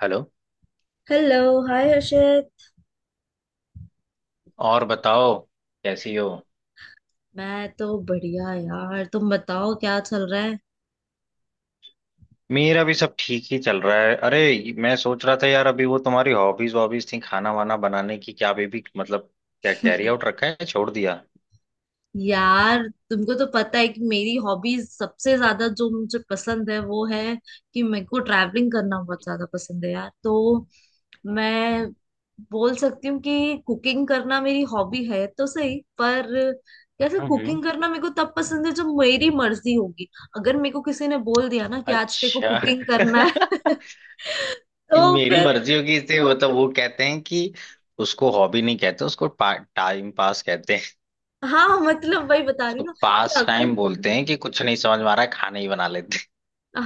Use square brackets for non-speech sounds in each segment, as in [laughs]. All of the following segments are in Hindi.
हेलो। हेलो। हाय हर्षित। और बताओ, कैसी हो? मैं तो बढ़िया यार, तुम बताओ क्या चल रहा है। मेरा भी सब ठीक ही चल रहा है। अरे, मैं सोच रहा था यार, अभी वो तुम्हारी हॉबीज वॉबीज थी खाना वाना बनाने की, क्या अभी भी मतलब क्या कैरी आउट रखा है, छोड़ दिया? यार तुमको तो पता है कि मेरी हॉबीज सबसे ज्यादा जो मुझे पसंद है वो है कि मेरे को ट्रैवलिंग करना बहुत ज्यादा पसंद है यार। तो मैं बोल सकती हूँ कि कुकिंग करना मेरी हॉबी है तो सही, पर कैसे? हम्म। कुकिंग करना मेरे को तब पसंद है जब मेरी मर्जी होगी। अगर मेरे को किसी ने बोल दिया ना कि आज तेरे को अच्छा। कुकिंग करना है, [laughs] तो मेरी फिर। मर्जी होगी इसे, मतलब वो कहते हैं कि उसको हॉबी नहीं कहते, उसको टाइम पास कहते हैं। हाँ, मतलब वही बता रही तो हूँ ना कि पास अगर। टाइम बोलते हैं कि कुछ नहीं समझ में आ रहा है, खाना ही बना लेते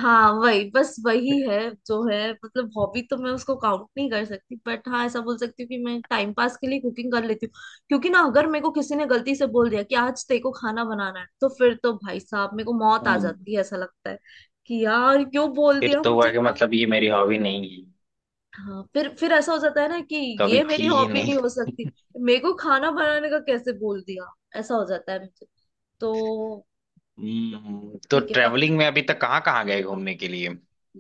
हाँ, वही बस वही है जो है। मतलब हॉबी तो मैं उसको काउंट नहीं कर सकती, बट हाँ, ऐसा बोल सकती हूँ कि मैं टाइम पास के लिए कुकिंग कर लेती हूँ। क्योंकि ना अगर मेरे को किसी ने गलती से बोल दिया कि आज तेरे को खाना बनाना है, तो फिर तो भाई साहब मेरे को मौत हैं। आ हम्म। जाती है, ऐसा लगता है कि यार क्यों बोल फिर दिया तो मुझे हुआ कि खा-। मतलब ये मेरी हॉबी नहीं है, हाँ, फिर ऐसा हो जाता है ना कि कभी ये मेरी थी ही। हॉबी नहीं हो सकती। मेरे को खाना बनाने का कैसे बोल दिया? ऐसा हो जाता है मुझे तो। तो ठीक है। ट्रेवलिंग में अभी तक कहाँ कहाँ गए घूमने के लिए?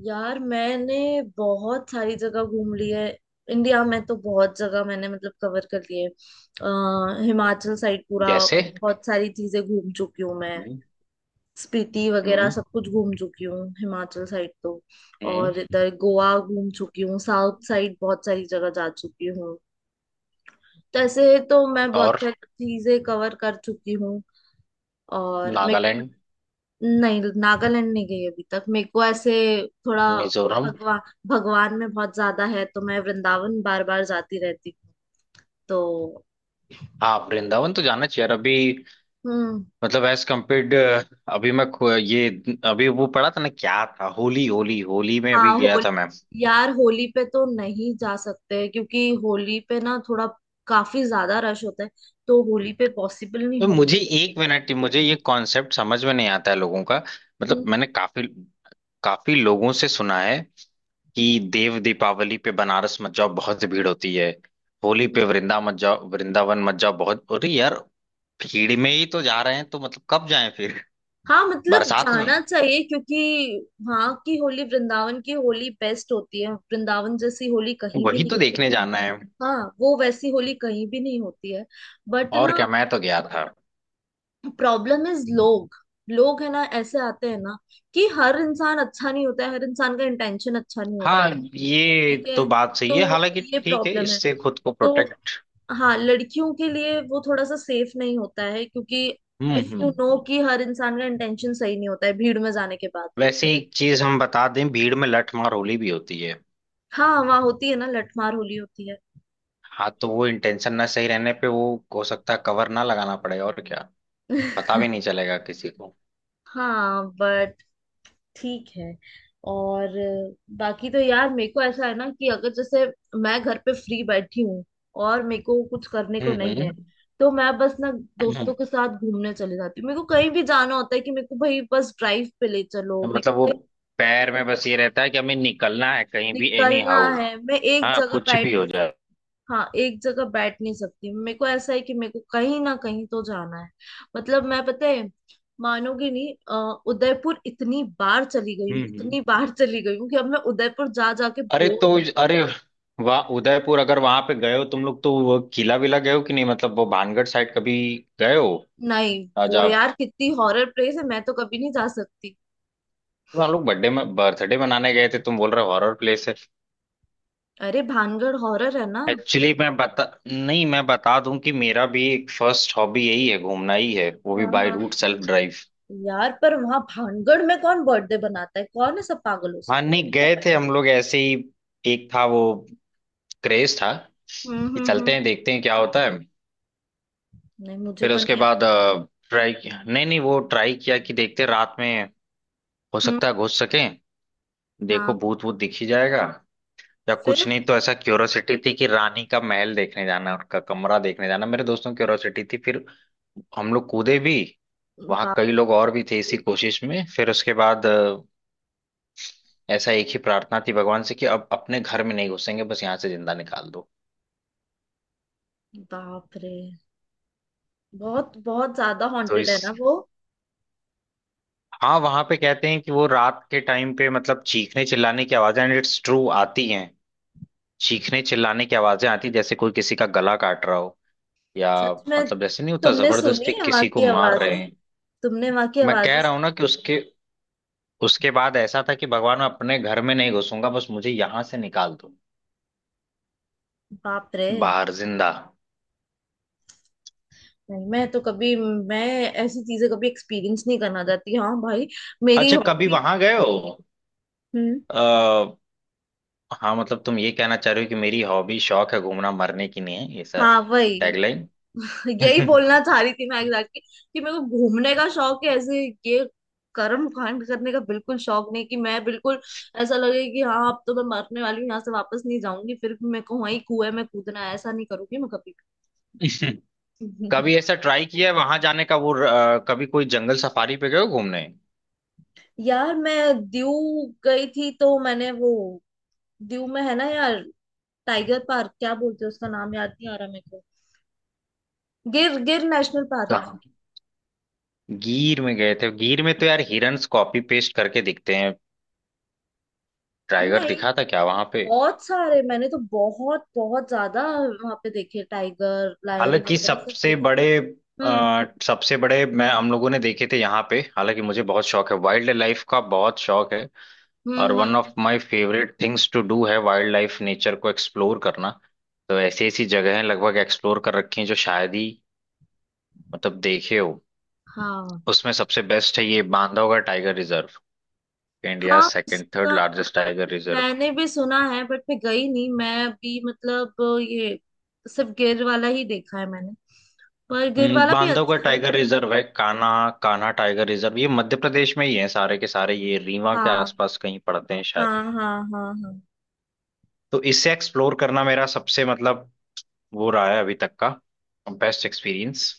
यार मैंने बहुत सारी जगह घूम ली है। इंडिया में तो बहुत जगह मैंने मतलब कवर कर ली है। हिमाचल साइड पूरा जैसे? बहुत सारी चीजें घूम चुकी हूँ मैं। हम्म। स्पीति वगैरह हम्म। सब कुछ घूम चुकी हूँ हिमाचल साइड तो। हम्म। और इधर गोवा घूम चुकी हूँ, साउथ साइड बहुत सारी जगह जा चुकी हूँ। तो ऐसे तो मैं और? बहुत सारी चीजें कवर कर चुकी हूँ। और मेरे को, नागालैंड? नहीं, नागालैंड नहीं गई अभी तक मेरे को, ऐसे थोड़ा। मिजोरम? भगवा भगवान में बहुत ज्यादा है तो मैं वृंदावन बार बार जाती रहती हूँ तो। हाँ, वृंदावन तो जाना चाहिए। और अभी हम्म। मतलब एज कम्पेयर्ड, अभी मैं ये, अभी वो पढ़ा था ना क्या था, होली होली होली में अभी हाँ गया था होली। मैं। यार होली पे तो नहीं जा सकते क्योंकि होली पे ना थोड़ा, काफी ज्यादा रश होता है तो होली पे पॉसिबल नहीं तो होता। मुझे एक मिनट, मुझे ये कॉन्सेप्ट समझ में नहीं आता है लोगों का। मतलब हम्म। मैंने काफी काफी लोगों से सुना है कि देव दीपावली पे बनारस मत जाओ, बहुत भीड़ होती है। होली पे वृंदावन मत जाओ, बहुत अरे यार, भीड़ में ही तो जा रहे हैं, तो मतलब कब जाएं फिर, हाँ, मतलब बरसात में? जाना चाहिए क्योंकि वहाँ की होली, वृंदावन की होली बेस्ट होती है। वृंदावन जैसी होली कहीं भी वही नहीं। तो देखने जाना है। हाँ, वो वैसी होली कहीं भी नहीं होती है। बट और ना, क्या, मैं तो गया था। प्रॉब्लम इज लोग। लोग है ना, ऐसे आते हैं ना कि हर इंसान अच्छा नहीं होता है, हर इंसान का इंटेंशन अच्छा नहीं होता है। हाँ, ये ठीक तो है, बात सही तो है। हालांकि ये ठीक है, प्रॉब्लम है इससे खुद को तो। प्रोटेक्ट। हाँ लड़कियों के लिए वो थोड़ा सा सेफ नहीं होता है क्योंकि hmm. If hmm. You know hmm. कि हर इंसान का इंटेंशन सही नहीं होता है भीड़ में जाने के बाद। वैसे एक चीज हम बता दें, भीड़ में लठमार होली भी होती है। हाँ वहाँ होती है ना, लठमार होली होती है। हाँ, तो वो इंटेंशन ना सही रहने पे वो हो सकता है कवर ना लगाना पड़े, और क्या पता भी नहीं चलेगा किसी को। [laughs] हाँ बट, ठीक है। और बाकी तो यार मेरे को ऐसा है ना कि अगर जैसे मैं घर पे फ्री बैठी हूँ और मेरे को कुछ करने हम्म। को नहीं है हम्म। तो मैं बस ना हम्म। दोस्तों के साथ घूमने चली जाती हूँ। मेरे को कहीं भी जाना होता है कि मेरे को भाई बस ड्राइव पे ले चलो, मेरे को मतलब वो कहीं पैर में बस ये रहता है कि हमें निकलना है कहीं भी एनी निकलना हाउ। है, मैं एक हाँ, जगह कुछ बैठ भी हो नहीं। जाए। हाँ, एक जगह बैठ नहीं सकती। मेरे को ऐसा है कि मेरे को कहीं ना कहीं तो जाना है। मतलब मैं, पता है, मानोगे नहीं, उदयपुर इतनी बार चली गई हूँ, हम्म। हम्म। इतनी बार चली गई हूँ कि अब मैं उदयपुर जा जाके अरे बोर तो हूँ। अरे वाह, उदयपुर अगर वहां पे गए हो तुम लोग, तो वो किला विला गए हो कि नहीं? मतलब वो भानगढ़ साइड कभी गए हो? नहीं वो राजा, यार कितनी हॉरर प्लेस है, मैं तो कभी नहीं जा सकती। हम लोग बर्थडे में बर्थडे मनाने गए थे, तुम बोल रहे हो हॉरर प्लेस है। अरे भानगढ़ हॉरर है ना। एक्चुअली मैं बता नहीं, मैं बता दूं कि मेरा भी एक फर्स्ट हॉबी यही है, घूमना ही है, वो भी हाँ बाय हाँ हाँ। Route self drive. यार पर वहां भानगढ़ में कौन बर्थडे बनाता है? कौन है, सब पागलों से। हाँ, नहीं गए थे हम लोग ऐसे ही, एक था वो क्रेज था कि हम्म। चलते हैं देखते हैं क्या होता है। नहीं मुझे फिर तो उसके नहीं है। बाद ट्राई किया, नहीं नहीं, वो ट्राई किया कि देखते हैं रात में हो हम्म। सकता है घुस सके, देखो हाँ भूत भूत दिख ही जाएगा या कुछ फिर। नहीं, तो ऐसा क्यूरोसिटी थी कि रानी का महल देखने जाना है, उनका कमरा देखने जाना, मेरे दोस्तों की क्यूरोसिटी थी। फिर हम लोग कूदे भी, वहां बाप कई रे। लोग और भी थे इसी कोशिश में। फिर उसके बाद ऐसा एक ही प्रार्थना थी भगवान से कि अब अपने घर में नहीं घुसेंगे, बस यहाँ से जिंदा निकाल दो। बाप रे, बहुत बहुत ज्यादा तो हॉन्टेड है ना इस वो। हाँ, वहां पे कहते हैं कि वो रात के टाइम पे मतलब चीखने चिल्लाने की आवाजें, एंड इट्स ट्रू, आती हैं। चीखने चिल्लाने की आवाजें आती हैं, जैसे कोई किसी का गला काट रहा हो, या सच में? मतलब जैसे नहीं होता, तुमने सुनी जबरदस्ती है वहां किसी को की मार रहे आवाजें? हैं। तुमने वहां की मैं आवाजें कह रहा हूं ना सुनी? कि उसके उसके बाद ऐसा था कि भगवान, मैं अपने घर में नहीं घुसूंगा, बस मुझे यहाँ से निकाल दो बाप रे। बाहर जिंदा। नहीं मैं तो कभी, मैं ऐसी चीजें कभी एक्सपीरियंस नहीं करना चाहती, हाँ भाई। मेरी अच्छा, कभी हॉबी। वहां गए हो? हम्म। आ, हाँ, मतलब तुम ये कहना चाह रहे हो कि मेरी हॉबी शौक है घूमना, मरने की नहीं है, ऐसा हाँ वही। टैगलाइन। [laughs] यही बोलना चाह रही थी मैं एग्जैक्टली कि मेरे को घूमने का शौक है, ऐसे ये कर्म कांड करने का बिल्कुल शौक नहीं। कि मैं बिल्कुल ऐसा लगे कि हाँ अब तो मैं मरने वाली हूँ यहाँ से वापस नहीं जाऊंगी, फिर भी मेरे को वहीं कुएं में कूदना है, ऐसा नहीं करूंगी मैं कभी [laughs] भी। कभी [laughs] ऐसा ट्राई किया है वहां जाने का, वो कभी कोई जंगल सफारी पे गए हो घूमने? यार मैं दीव गई थी तो मैंने वो, दीव में है ना यार, टाइगर पार्क, क्या बोलते हैं उसका नाम याद नहीं आ रहा मेरे को, गिर, गिर नेशनल पार्क। कहाँ? गिर में गए थे? गिर में तो यार हिरन्स कॉपी पेस्ट करके दिखते हैं। टाइगर नहीं, दिखा था क्या वहां पे? बहुत सारे, मैंने तो बहुत बहुत ज्यादा वहां पे देखे, टाइगर लायन हालांकि वगैरह सब सबसे देखे। बड़े, हम्म सबसे बड़े मैं हम लोगों ने देखे थे यहाँ पे। हालांकि मुझे बहुत शौक है वाइल्ड लाइफ का, बहुत शौक है, और hmm one hmm, of my favourite things to do है वाइल्ड लाइफ नेचर को एक्सप्लोर करना। तो ऐसी ऐसी जगहें लगभग एक्सप्लोर कर रखी हैं जो शायद ही, मतलब देखे हो। हाँ उसमें सबसे बेस्ट है ये बांधवगढ़ टाइगर रिजर्व, इंडिया हाँ। सेकंड थर्ड उसका लार्जेस्ट टाइगर रिजर्व। मैंने भी सुना है बट मैं गई नहीं, मैं भी मतलब, ये सिर्फ गिर वाला ही देखा है मैंने। पर गिर वाला भी बांधवगढ़ अच्छा है। टाइगर रिजर्व है, कान्हा कान्हा टाइगर रिजर्व, ये मध्य प्रदेश में ही है सारे के सारे, ये रीवा के हाँ आसपास कहीं पड़ते हैं शायद। हाँ हाँ हाँ हाँ। तो इसे एक्सप्लोर करना मेरा सबसे, मतलब, वो रहा है अभी तक का बेस्ट एक्सपीरियंस।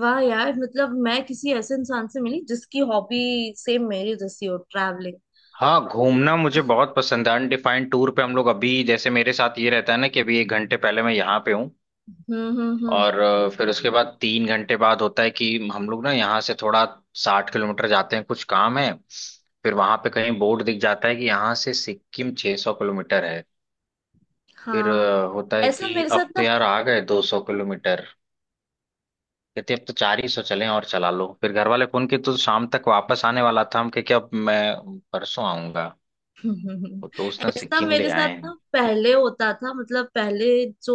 वाह यार, मतलब मैं किसी ऐसे इंसान से मिली जिसकी हॉबी सेम मेरी जैसी हो, ट्रैवलिंग। हाँ, घूमना मुझे बहुत पसंद है, अनडिफाइंड टूर पे हम लोग। अभी जैसे मेरे साथ ये रहता है ना कि अभी 1 घंटे पहले मैं यहाँ पे हूँ, हम्म। और फिर उसके बाद 3 घंटे बाद होता है कि हम लोग ना यहाँ से थोड़ा 60 किलोमीटर जाते हैं, कुछ काम है। फिर वहां पे कहीं बोर्ड दिख जाता है कि यहाँ से सिक्किम 600 किलोमीटर है। फिर हाँ होता है ऐसा कि मेरे साथ अब तो ना। यार आ गए 200 किलोमीटर, कहते अब तो चार ही सौ चले, और चला लो। फिर घर वाले फोन किए तो शाम तक वापस आने वाला था, हम कहे कि अब मैं परसों आऊंगा। [laughs] तो दोस्त ने ऐसा सिक्किम ले मेरे साथ आए ना हैं। पहले होता था, मतलब पहले जो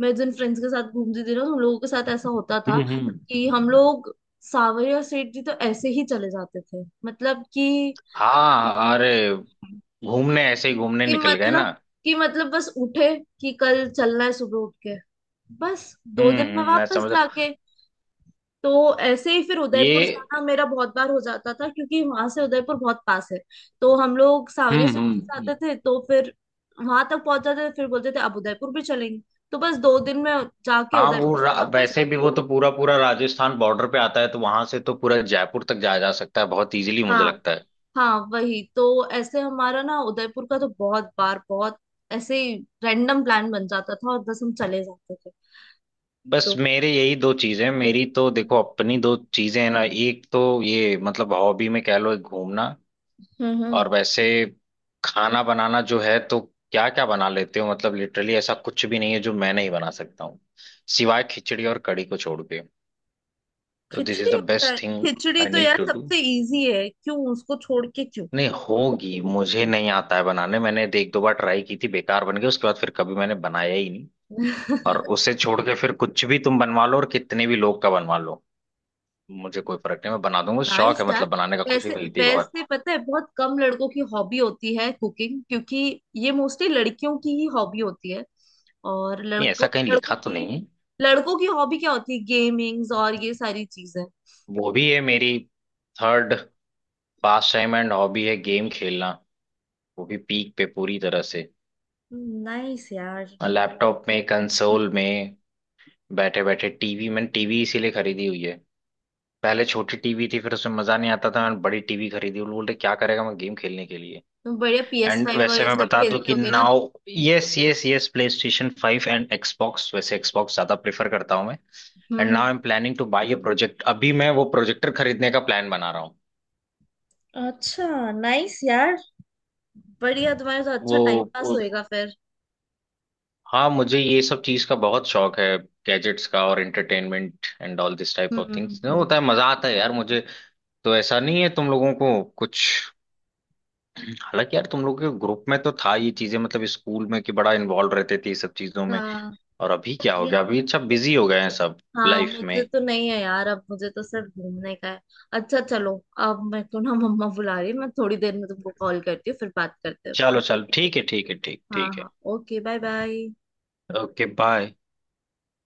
मैं, जिन फ्रेंड्स के साथ घूमती थी ना, उन लोगों के साथ ऐसा होता था हम्म। हम्म। कि हम लोग सावरिया सेठ जी तो ऐसे ही चले जाते थे, मतलब हाँ, अरे, घूमने ऐसे ही घूमने कि निकल गए ना। मतलब कि मतलब बस उठे कि कल चलना है, सुबह उठ के, बस दो हम्म। दिन में हम्म। मैं वापस समझ रहा जाके। हूँ। तो ऐसे ही फिर ये उदयपुर जाना मेरा बहुत बार हो जाता था क्योंकि वहां से उदयपुर बहुत पास है। तो हम लोग सांवरिया हम्म। स्वीट हम्म। से हम्म। आते थे तो फिर वहां तक पहुंच जाते थे, फिर बोलते थे अब उदयपुर भी चलेंगे। तो बस दो दिन में जाके हाँ, वो उदयपुर से वापस। वैसे भी वो तो पूरा पूरा राजस्थान बॉर्डर पे आता है, तो वहां से तो पूरा जयपुर तक जाया जा सकता है बहुत इजीली, मुझे हाँ लगता है। हाँ वही तो। ऐसे हमारा ना उदयपुर का तो बहुत बार, बहुत ऐसे ही रैंडम प्लान बन जाता था और बस हम चले जाते थे बस तो। मेरे यही दो चीजें हैं, मेरी तो हम्म देखो अपनी दो चीजें हैं ना, एक तो ये मतलब हॉबी में कह लो घूमना, हम्म हम्म। और वैसे खाना बनाना जो है तो। क्या क्या बना लेते हो? मतलब लिटरली ऐसा कुछ भी नहीं है जो मैं नहीं बना सकता हूँ, सिवाय खिचड़ी और कढ़ी को छोड़ के, तो दिस इज खिचड़ी और the best thing khichdi I तो नीड यार टू डू। सबसे इजी है, क्यों उसको छोड़ के, क्यों? नहीं होगी, मुझे नहीं आता है बनाने, मैंने एक दो बार ट्राई की थी, बेकार बन गई, उसके बाद फिर कभी मैंने बनाया ही नहीं। और [laughs] उसे छोड़ के फिर कुछ भी तुम बनवा लो, और कितने भी लोग का बनवा लो, मुझे कोई फर्क नहीं, मैं बना दूंगा, शौक नाइस है यार। मतलब बनाने का, खुशी वैसे मिलती है बहुत। वैसे पता है, बहुत कम लड़कों की हॉबी होती है कुकिंग, क्योंकि ये मोस्टली लड़कियों की ही हॉबी होती है। और नहीं, ऐसा लड़कों कहीं लिखा लड़कों तो की नहीं है। लड़कों की हॉबी क्या होती है, गेमिंग्स और ये सारी चीजें। वो भी है मेरी third pastime and hobby है गेम खेलना, वो भी पीक पे पूरी तरह से। नाइस यार, लैपटॉप में, कंसोल में, बैठे बैठे टीवी, मैंने टीवी इसीलिए खरीदी हुई है। पहले छोटी टीवी थी, फिर उसमें मजा नहीं आता था, मैंने बड़ी टीवी खरीदी, वो लोग बोलते क्या करेगा, मैं गेम खेलने के लिए। तुम बढ़िया पी एस एंड फाइव और वैसे ये मैं सब बता दूं खेलते कि होगे ना। Now, yes yes yes, PlayStation 5 and Xbox, वैसे एक्सबॉक्स ज्यादा प्रेफर करता हूँ मैं। And now hmm. I am planning to buy a project, अभी मैं वो प्रोजेक्टर खरीदने का प्लान बना रहा हूँ। अच्छा, नाइस यार, बढ़िया, तुम्हारे तो अच्छा वो, टाइम पास वो होएगा फिर। हाँ, मुझे ये सब चीज का बहुत शौक है, गैजेट्स का, और entertainment and all this type of things, hmm. होता है मजा, आता है यार मुझे। तो ऐसा नहीं है तुम लोगों को कुछ? हालांकि यार तुम लोग के ग्रुप में तो था ये चीजें, मतलब स्कूल में, कि बड़ा इन्वॉल्व रहते थे ये सब चीजों में। हाँ और अभी क्या हो बढ़िया। गया, अभी सब बिजी हो गए हैं सब हाँ लाइफ में। मुझे तो नहीं है यार, अब मुझे तो सिर्फ घूमने का है। अच्छा चलो, अब मेरे को ना मम्मा बुला रही है, मैं थोड़ी देर में तुमको कॉल करती हूँ, फिर बात करते हैं अपन। चलो चलो ठीक है, ठीक है, ठीक हाँ ठीक है। हाँ, okay bye bye. Okay bye.